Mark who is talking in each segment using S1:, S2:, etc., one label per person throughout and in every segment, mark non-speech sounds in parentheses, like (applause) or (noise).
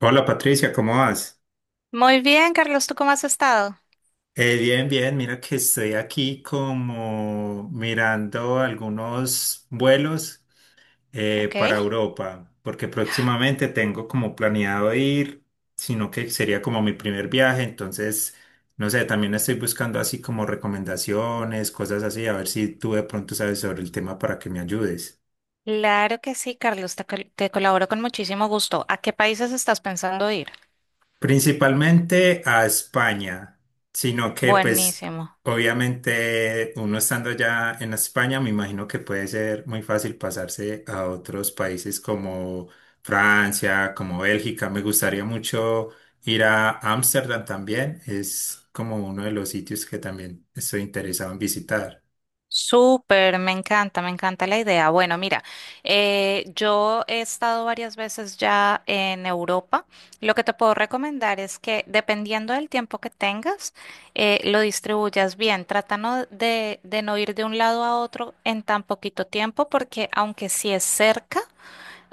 S1: Hola Patricia, ¿cómo vas?
S2: Muy bien, Carlos, ¿tú cómo has estado?
S1: Bien, bien, mira que estoy aquí como mirando algunos vuelos
S2: Ok.
S1: para Europa, porque próximamente tengo como planeado ir, sino que sería como mi primer viaje, entonces, no sé, también estoy buscando así como recomendaciones, cosas así, a ver si tú de pronto sabes sobre el tema para que me ayudes.
S2: Claro que sí, Carlos, te colaboro con muchísimo gusto. ¿A qué países estás pensando ir?
S1: Principalmente a España, sino que pues
S2: Buenísimo.
S1: obviamente uno estando ya en España, me imagino que puede ser muy fácil pasarse a otros países como Francia, como Bélgica. Me gustaría mucho ir a Ámsterdam también, es como uno de los sitios que también estoy interesado en visitar.
S2: Súper, me encanta la idea. Bueno, mira, yo he estado varias veces ya en Europa. Lo que te puedo recomendar es que dependiendo del tiempo que tengas, lo distribuyas bien. Trata no de no ir de un lado a otro en tan poquito tiempo, porque aunque sí es cerca,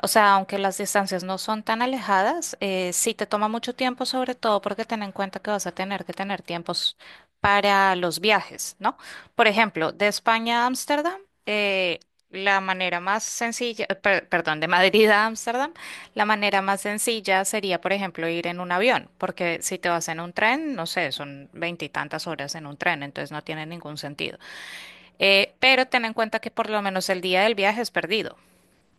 S2: o sea, aunque las distancias no son tan alejadas, sí te toma mucho tiempo, sobre todo porque ten en cuenta que vas a tener que tener tiempos para los viajes, ¿no? Por ejemplo, de España a Ámsterdam, eh, la manera más sencilla, perdón, de Madrid a Ámsterdam, la manera más sencilla sería, por ejemplo, ir en un avión, porque si te vas en un tren, no sé, son veintitantas horas en un tren, entonces no tiene ningún sentido. Pero ten en cuenta que por lo menos el día del viaje es perdido.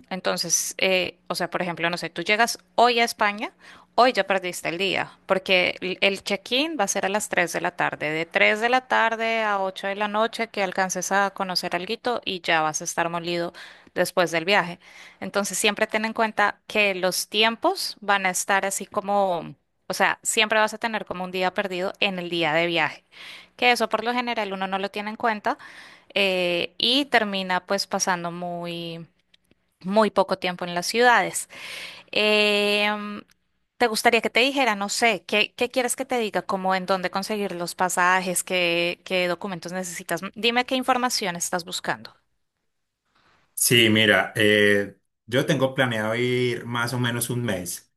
S2: Entonces, o sea, por ejemplo, no sé, tú llegas hoy a España, hoy ya perdiste el día, porque el check-in va a ser a las 3 de la tarde, de 3 de la tarde a 8 de la noche, que alcances a conocer alguito y ya vas a estar molido después del viaje. Entonces, siempre ten en cuenta que los tiempos van a estar así como, o sea, siempre vas a tener como un día perdido en el día de viaje, que eso por lo general uno no lo tiene en cuenta y termina pues pasando muy muy poco tiempo en las ciudades. Em, ¿Te gustaría que te dijera, no sé, qué, qué quieres que te diga, como en dónde conseguir los pasajes, qué, qué documentos necesitas? Dime qué información estás buscando.
S1: Sí, mira, yo tengo planeado ir más o menos un mes.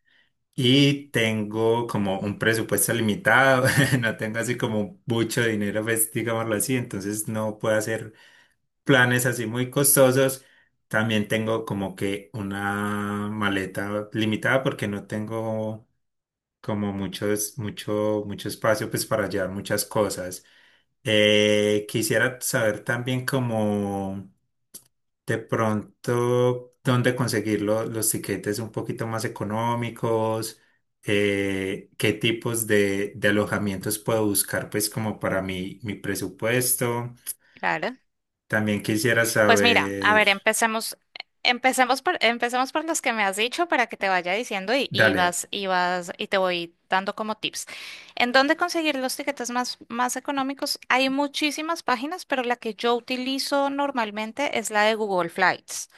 S1: Y tengo como un presupuesto limitado, (laughs) no tengo así como mucho dinero, pues digámoslo así, entonces no puedo hacer planes así muy costosos. También tengo como que una maleta limitada porque no tengo como muchos, mucho espacio pues para llevar muchas cosas. Quisiera saber también como de pronto, ¿dónde conseguir los tiquetes un poquito más económicos? ¿Qué tipos de alojamientos puedo buscar, pues, como para mi presupuesto?
S2: Claro.
S1: También quisiera
S2: Pues mira, a
S1: saber,
S2: ver, empecemos por los que me has dicho para que te vaya diciendo y
S1: dale.
S2: vas, y te voy dando como tips. ¿En dónde conseguir los tiquetes más económicos? Hay muchísimas páginas, pero la que yo utilizo normalmente es la de Google Flights.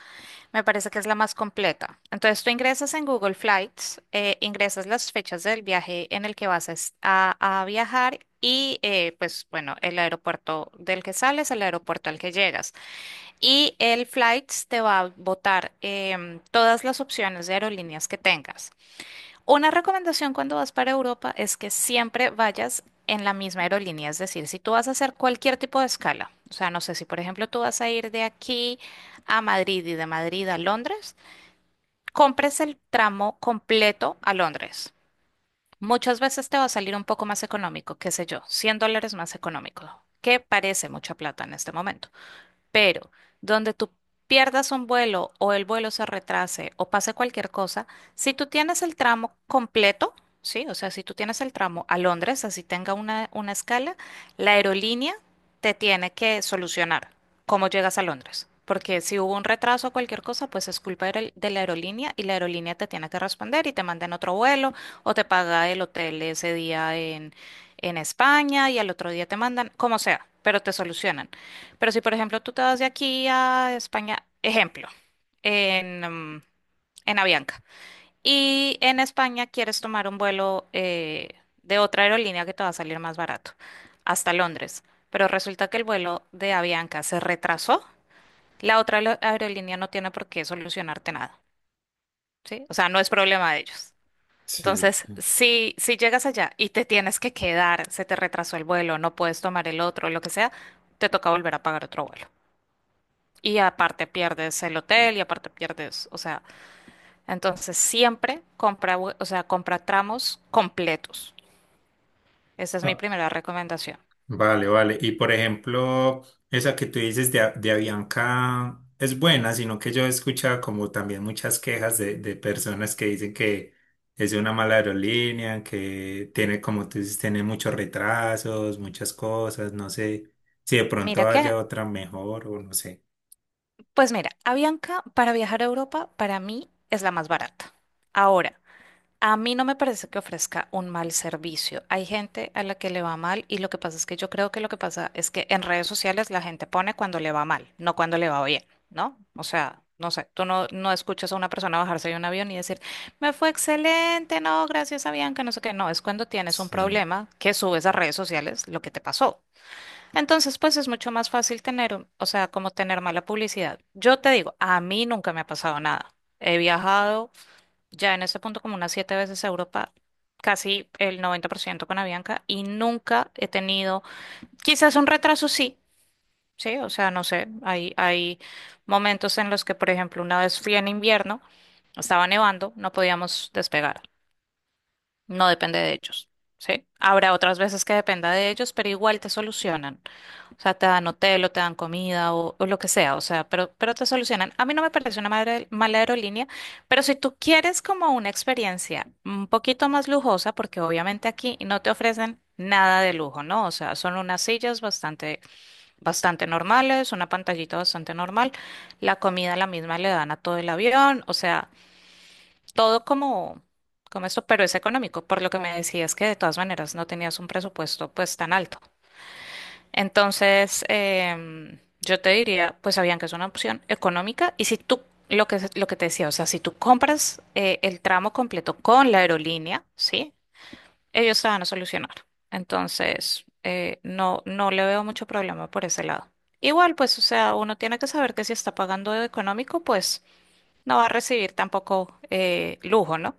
S2: Me parece que es la más completa. Entonces tú ingresas en Google Flights, ingresas las fechas del viaje en el que vas a viajar y pues bueno, el aeropuerto del que sales, el aeropuerto al que llegas. Y el Flights te va a botar todas las opciones de aerolíneas que tengas. Una recomendación cuando vas para Europa es que siempre vayas en la misma aerolínea, es decir, si tú vas a hacer cualquier tipo de escala, o sea, no sé si por ejemplo tú vas a ir de aquí a Madrid y de Madrid a Londres, compres el tramo completo a Londres. Muchas veces te va a salir un poco más económico, qué sé yo, cien dólares más económico, que parece mucha plata en este momento. Pero donde tú pierdas un vuelo o el vuelo se retrase o pase cualquier cosa, si tú tienes el tramo completo, sí, o sea, si tú tienes el tramo a Londres, así tenga una escala, la aerolínea te tiene que solucionar cómo llegas a Londres. Porque si hubo un retraso o cualquier cosa, pues es culpa de la aerolínea y la aerolínea te tiene que responder y te manda en otro vuelo o te paga el hotel ese día en España y al otro día te mandan, como sea, pero te solucionan. Pero si, por ejemplo, tú te vas de aquí a España, ejemplo, en, mm, en Avianca, y en España quieres tomar un vuelo de otra aerolínea que te va a salir más barato, hasta Londres, pero resulta que el vuelo de Avianca se retrasó, la otra aerolínea no tiene por qué solucionarte nada, ¿sí? O sea, no es problema de ellos.
S1: Sí.
S2: Entonces, si llegas allá y te tienes que quedar, se te retrasó el vuelo, no puedes tomar el otro, lo que sea, te toca volver a pagar otro vuelo. Y aparte pierdes el hotel y aparte pierdes, o sea, entonces siempre compra, o sea, compra tramos completos. Esa es mi primera recomendación.
S1: Vale, vale. Y por ejemplo, esa que tú dices de, de Avianca es buena, sino que yo he escuchado como también muchas quejas de personas que dicen que es una mala aerolínea, que tiene, como tú dices, tiene muchos retrasos, muchas cosas, no sé si de
S2: Mira
S1: pronto
S2: que,
S1: haya otra mejor o no sé.
S2: pues mira, Avianca para viajar a Europa para mí es la más barata. Ahora, a mí no me parece que ofrezca un mal servicio. Hay gente a la que le va mal y lo que pasa es que yo creo que lo que pasa es que en redes sociales la gente pone cuando le va mal, no cuando le va bien, ¿no? O sea, no sé, tú no, no escuchas a una persona bajarse de un avión y decir, me fue excelente, no, gracias a Bianca, no sé qué. No, es cuando tienes un
S1: Sí.
S2: problema que subes a redes sociales lo que te pasó. Entonces, pues es mucho más fácil tener, o sea, como tener mala publicidad. Yo te digo, a mí nunca me ha pasado nada. He viajado ya en ese punto como unas siete veces a Europa, casi el 90% con Avianca y nunca he tenido, quizás un retraso sí, sí, o sea, no sé, hay momentos en los que, por ejemplo, una vez fui en invierno, estaba nevando, no podíamos despegar, no depende de ellos, ¿sí? Habrá otras veces que dependa de ellos, pero igual te solucionan. O sea, te dan hotel o te dan comida o lo que sea, o sea, pero te solucionan. A mí no me parece una mala aerolínea, pero si tú quieres como una experiencia un poquito más lujosa, porque obviamente aquí no te ofrecen nada de lujo, ¿no? O sea, son unas sillas bastante, bastante normales, una pantallita bastante normal, la comida la misma le dan a todo el avión, o sea todo como, como esto, pero es económico, por lo que me decías que de todas maneras no tenías un presupuesto pues tan alto. Entonces, yo te diría, pues sabían que es una opción económica y si tú, lo que te decía, o sea, si tú compras el tramo completo con la aerolínea, ¿sí? Ellos te van a solucionar. Entonces, no, no le veo mucho problema por ese lado. Igual, pues, o sea, uno tiene que saber que si está pagando de económico, pues no va a recibir tampoco lujo, ¿no?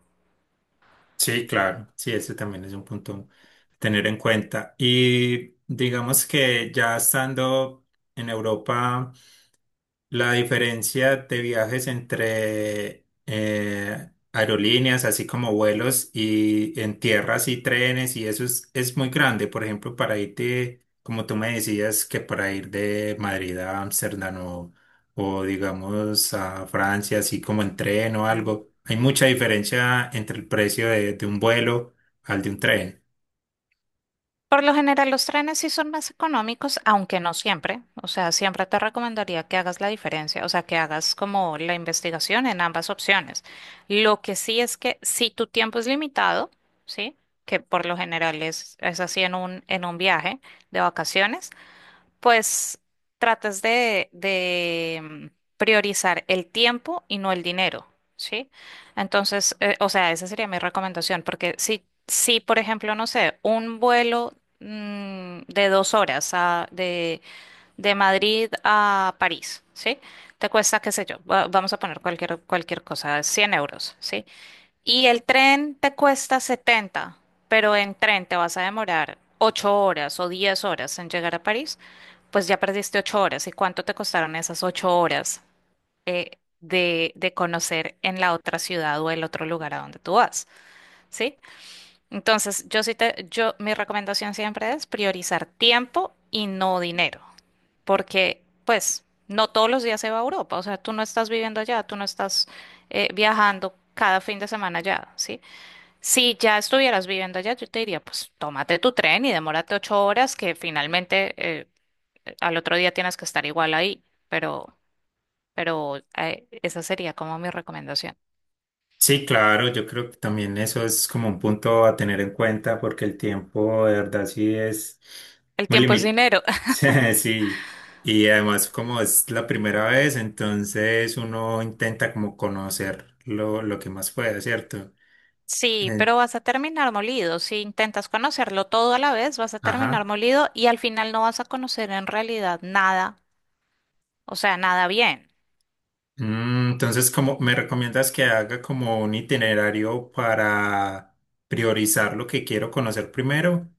S1: Sí, claro, sí, eso también es un punto a tener en cuenta. Y digamos que ya estando en Europa. La diferencia de viajes entre aerolíneas, así como vuelos y en tierras y trenes, y eso es muy grande. Por ejemplo, para irte, como tú me decías, que para ir de Madrid a Ámsterdam o digamos a Francia, así como en tren o algo, hay mucha diferencia entre el precio de un vuelo al de un tren.
S2: Por lo general, los trenes sí son más económicos, aunque no siempre. O sea, siempre te recomendaría que hagas la diferencia, o sea, que hagas como la investigación en ambas opciones. Lo que sí es que si tu tiempo es limitado, ¿sí? Que por lo general es así en un viaje de vacaciones pues tratas de priorizar el tiempo y no el dinero, ¿sí? Entonces, o sea, esa sería mi recomendación, porque si, por ejemplo, no sé, un vuelo de 2 horas de Madrid a París, ¿sí? Te cuesta, qué sé yo, vamos a poner cualquier cosa, €100, ¿sí? Y el tren te cuesta 70, pero en tren te vas a demorar 8 horas o 10 horas en llegar a París, pues ya perdiste 8 horas. ¿Y cuánto te costaron esas 8 horas de conocer en la otra ciudad o el otro lugar a donde tú vas? ¿Sí? Entonces, yo sí te, yo, mi recomendación siempre es priorizar tiempo y no dinero, porque pues no todos los días se va a Europa, o sea, tú no estás viviendo allá, tú no estás viajando cada fin de semana allá, ¿sí? Si ya estuvieras viviendo allá, yo te diría, pues tómate tu tren y demórate 8 horas, que finalmente eh, al otro día tienes que estar igual ahí, pero, pero, esa sería como mi recomendación.
S1: Sí, claro, yo creo que también eso es como un punto a tener en cuenta porque el tiempo de verdad sí es
S2: El
S1: muy
S2: tiempo es
S1: limitado.
S2: dinero. (laughs)
S1: (laughs) Sí, y además como es la primera vez, entonces uno intenta como conocer lo que más pueda, ¿cierto?
S2: Sí,
S1: Eh,
S2: pero vas a terminar molido. Si intentas conocerlo todo a la vez, vas a terminar
S1: ajá.
S2: molido y al final no vas a conocer en realidad nada, o sea, nada bien.
S1: Mm, entonces, ¿como me recomiendas que haga como un itinerario para priorizar lo que quiero conocer primero?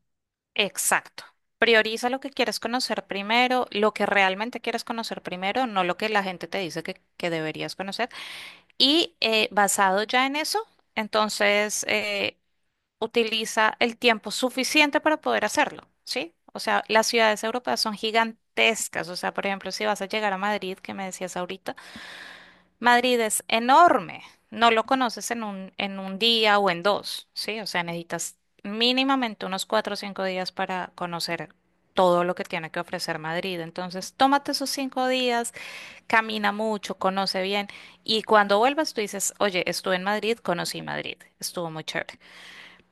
S2: Exacto. Prioriza lo que quieres conocer primero, lo que realmente quieres conocer primero, no lo que la gente te dice que deberías conocer. Y basado ya en eso, entonces utiliza el tiempo suficiente para poder hacerlo, ¿sí? O sea, las ciudades europeas son gigantescas. O sea, por ejemplo, si vas a llegar a Madrid, que me decías ahorita, Madrid es enorme. No lo conoces en un día o en dos, ¿sí? O sea, necesitas mínimamente unos 4 o 5 días para conocer todo lo que tiene que ofrecer Madrid. Entonces, tómate esos 5 días, camina mucho, conoce bien y cuando vuelvas tú dices, oye, estuve en Madrid, conocí Madrid, estuvo muy chévere.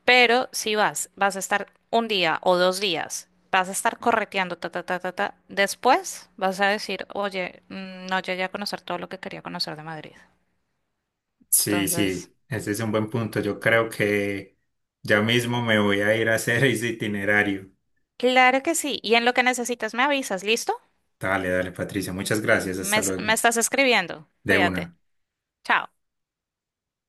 S2: Pero si vas, vas a estar un día o dos días, vas a estar correteando, ta, ta, ta, ta, ta, después vas a decir, oye, mm, no llegué a conocer todo lo que quería conocer de Madrid.
S1: Sí,
S2: Entonces,
S1: sí, ese es un buen punto. Yo creo que ya mismo me voy a ir a hacer (laughs) ese itinerario.
S2: claro que sí. Y en lo que necesitas me avisas, ¿listo?
S1: Dale, dale, Patricia. Muchas gracias.
S2: Me,
S1: Hasta
S2: es- me
S1: luego.
S2: estás escribiendo.
S1: De
S2: Cuídate.
S1: una.
S2: Chao.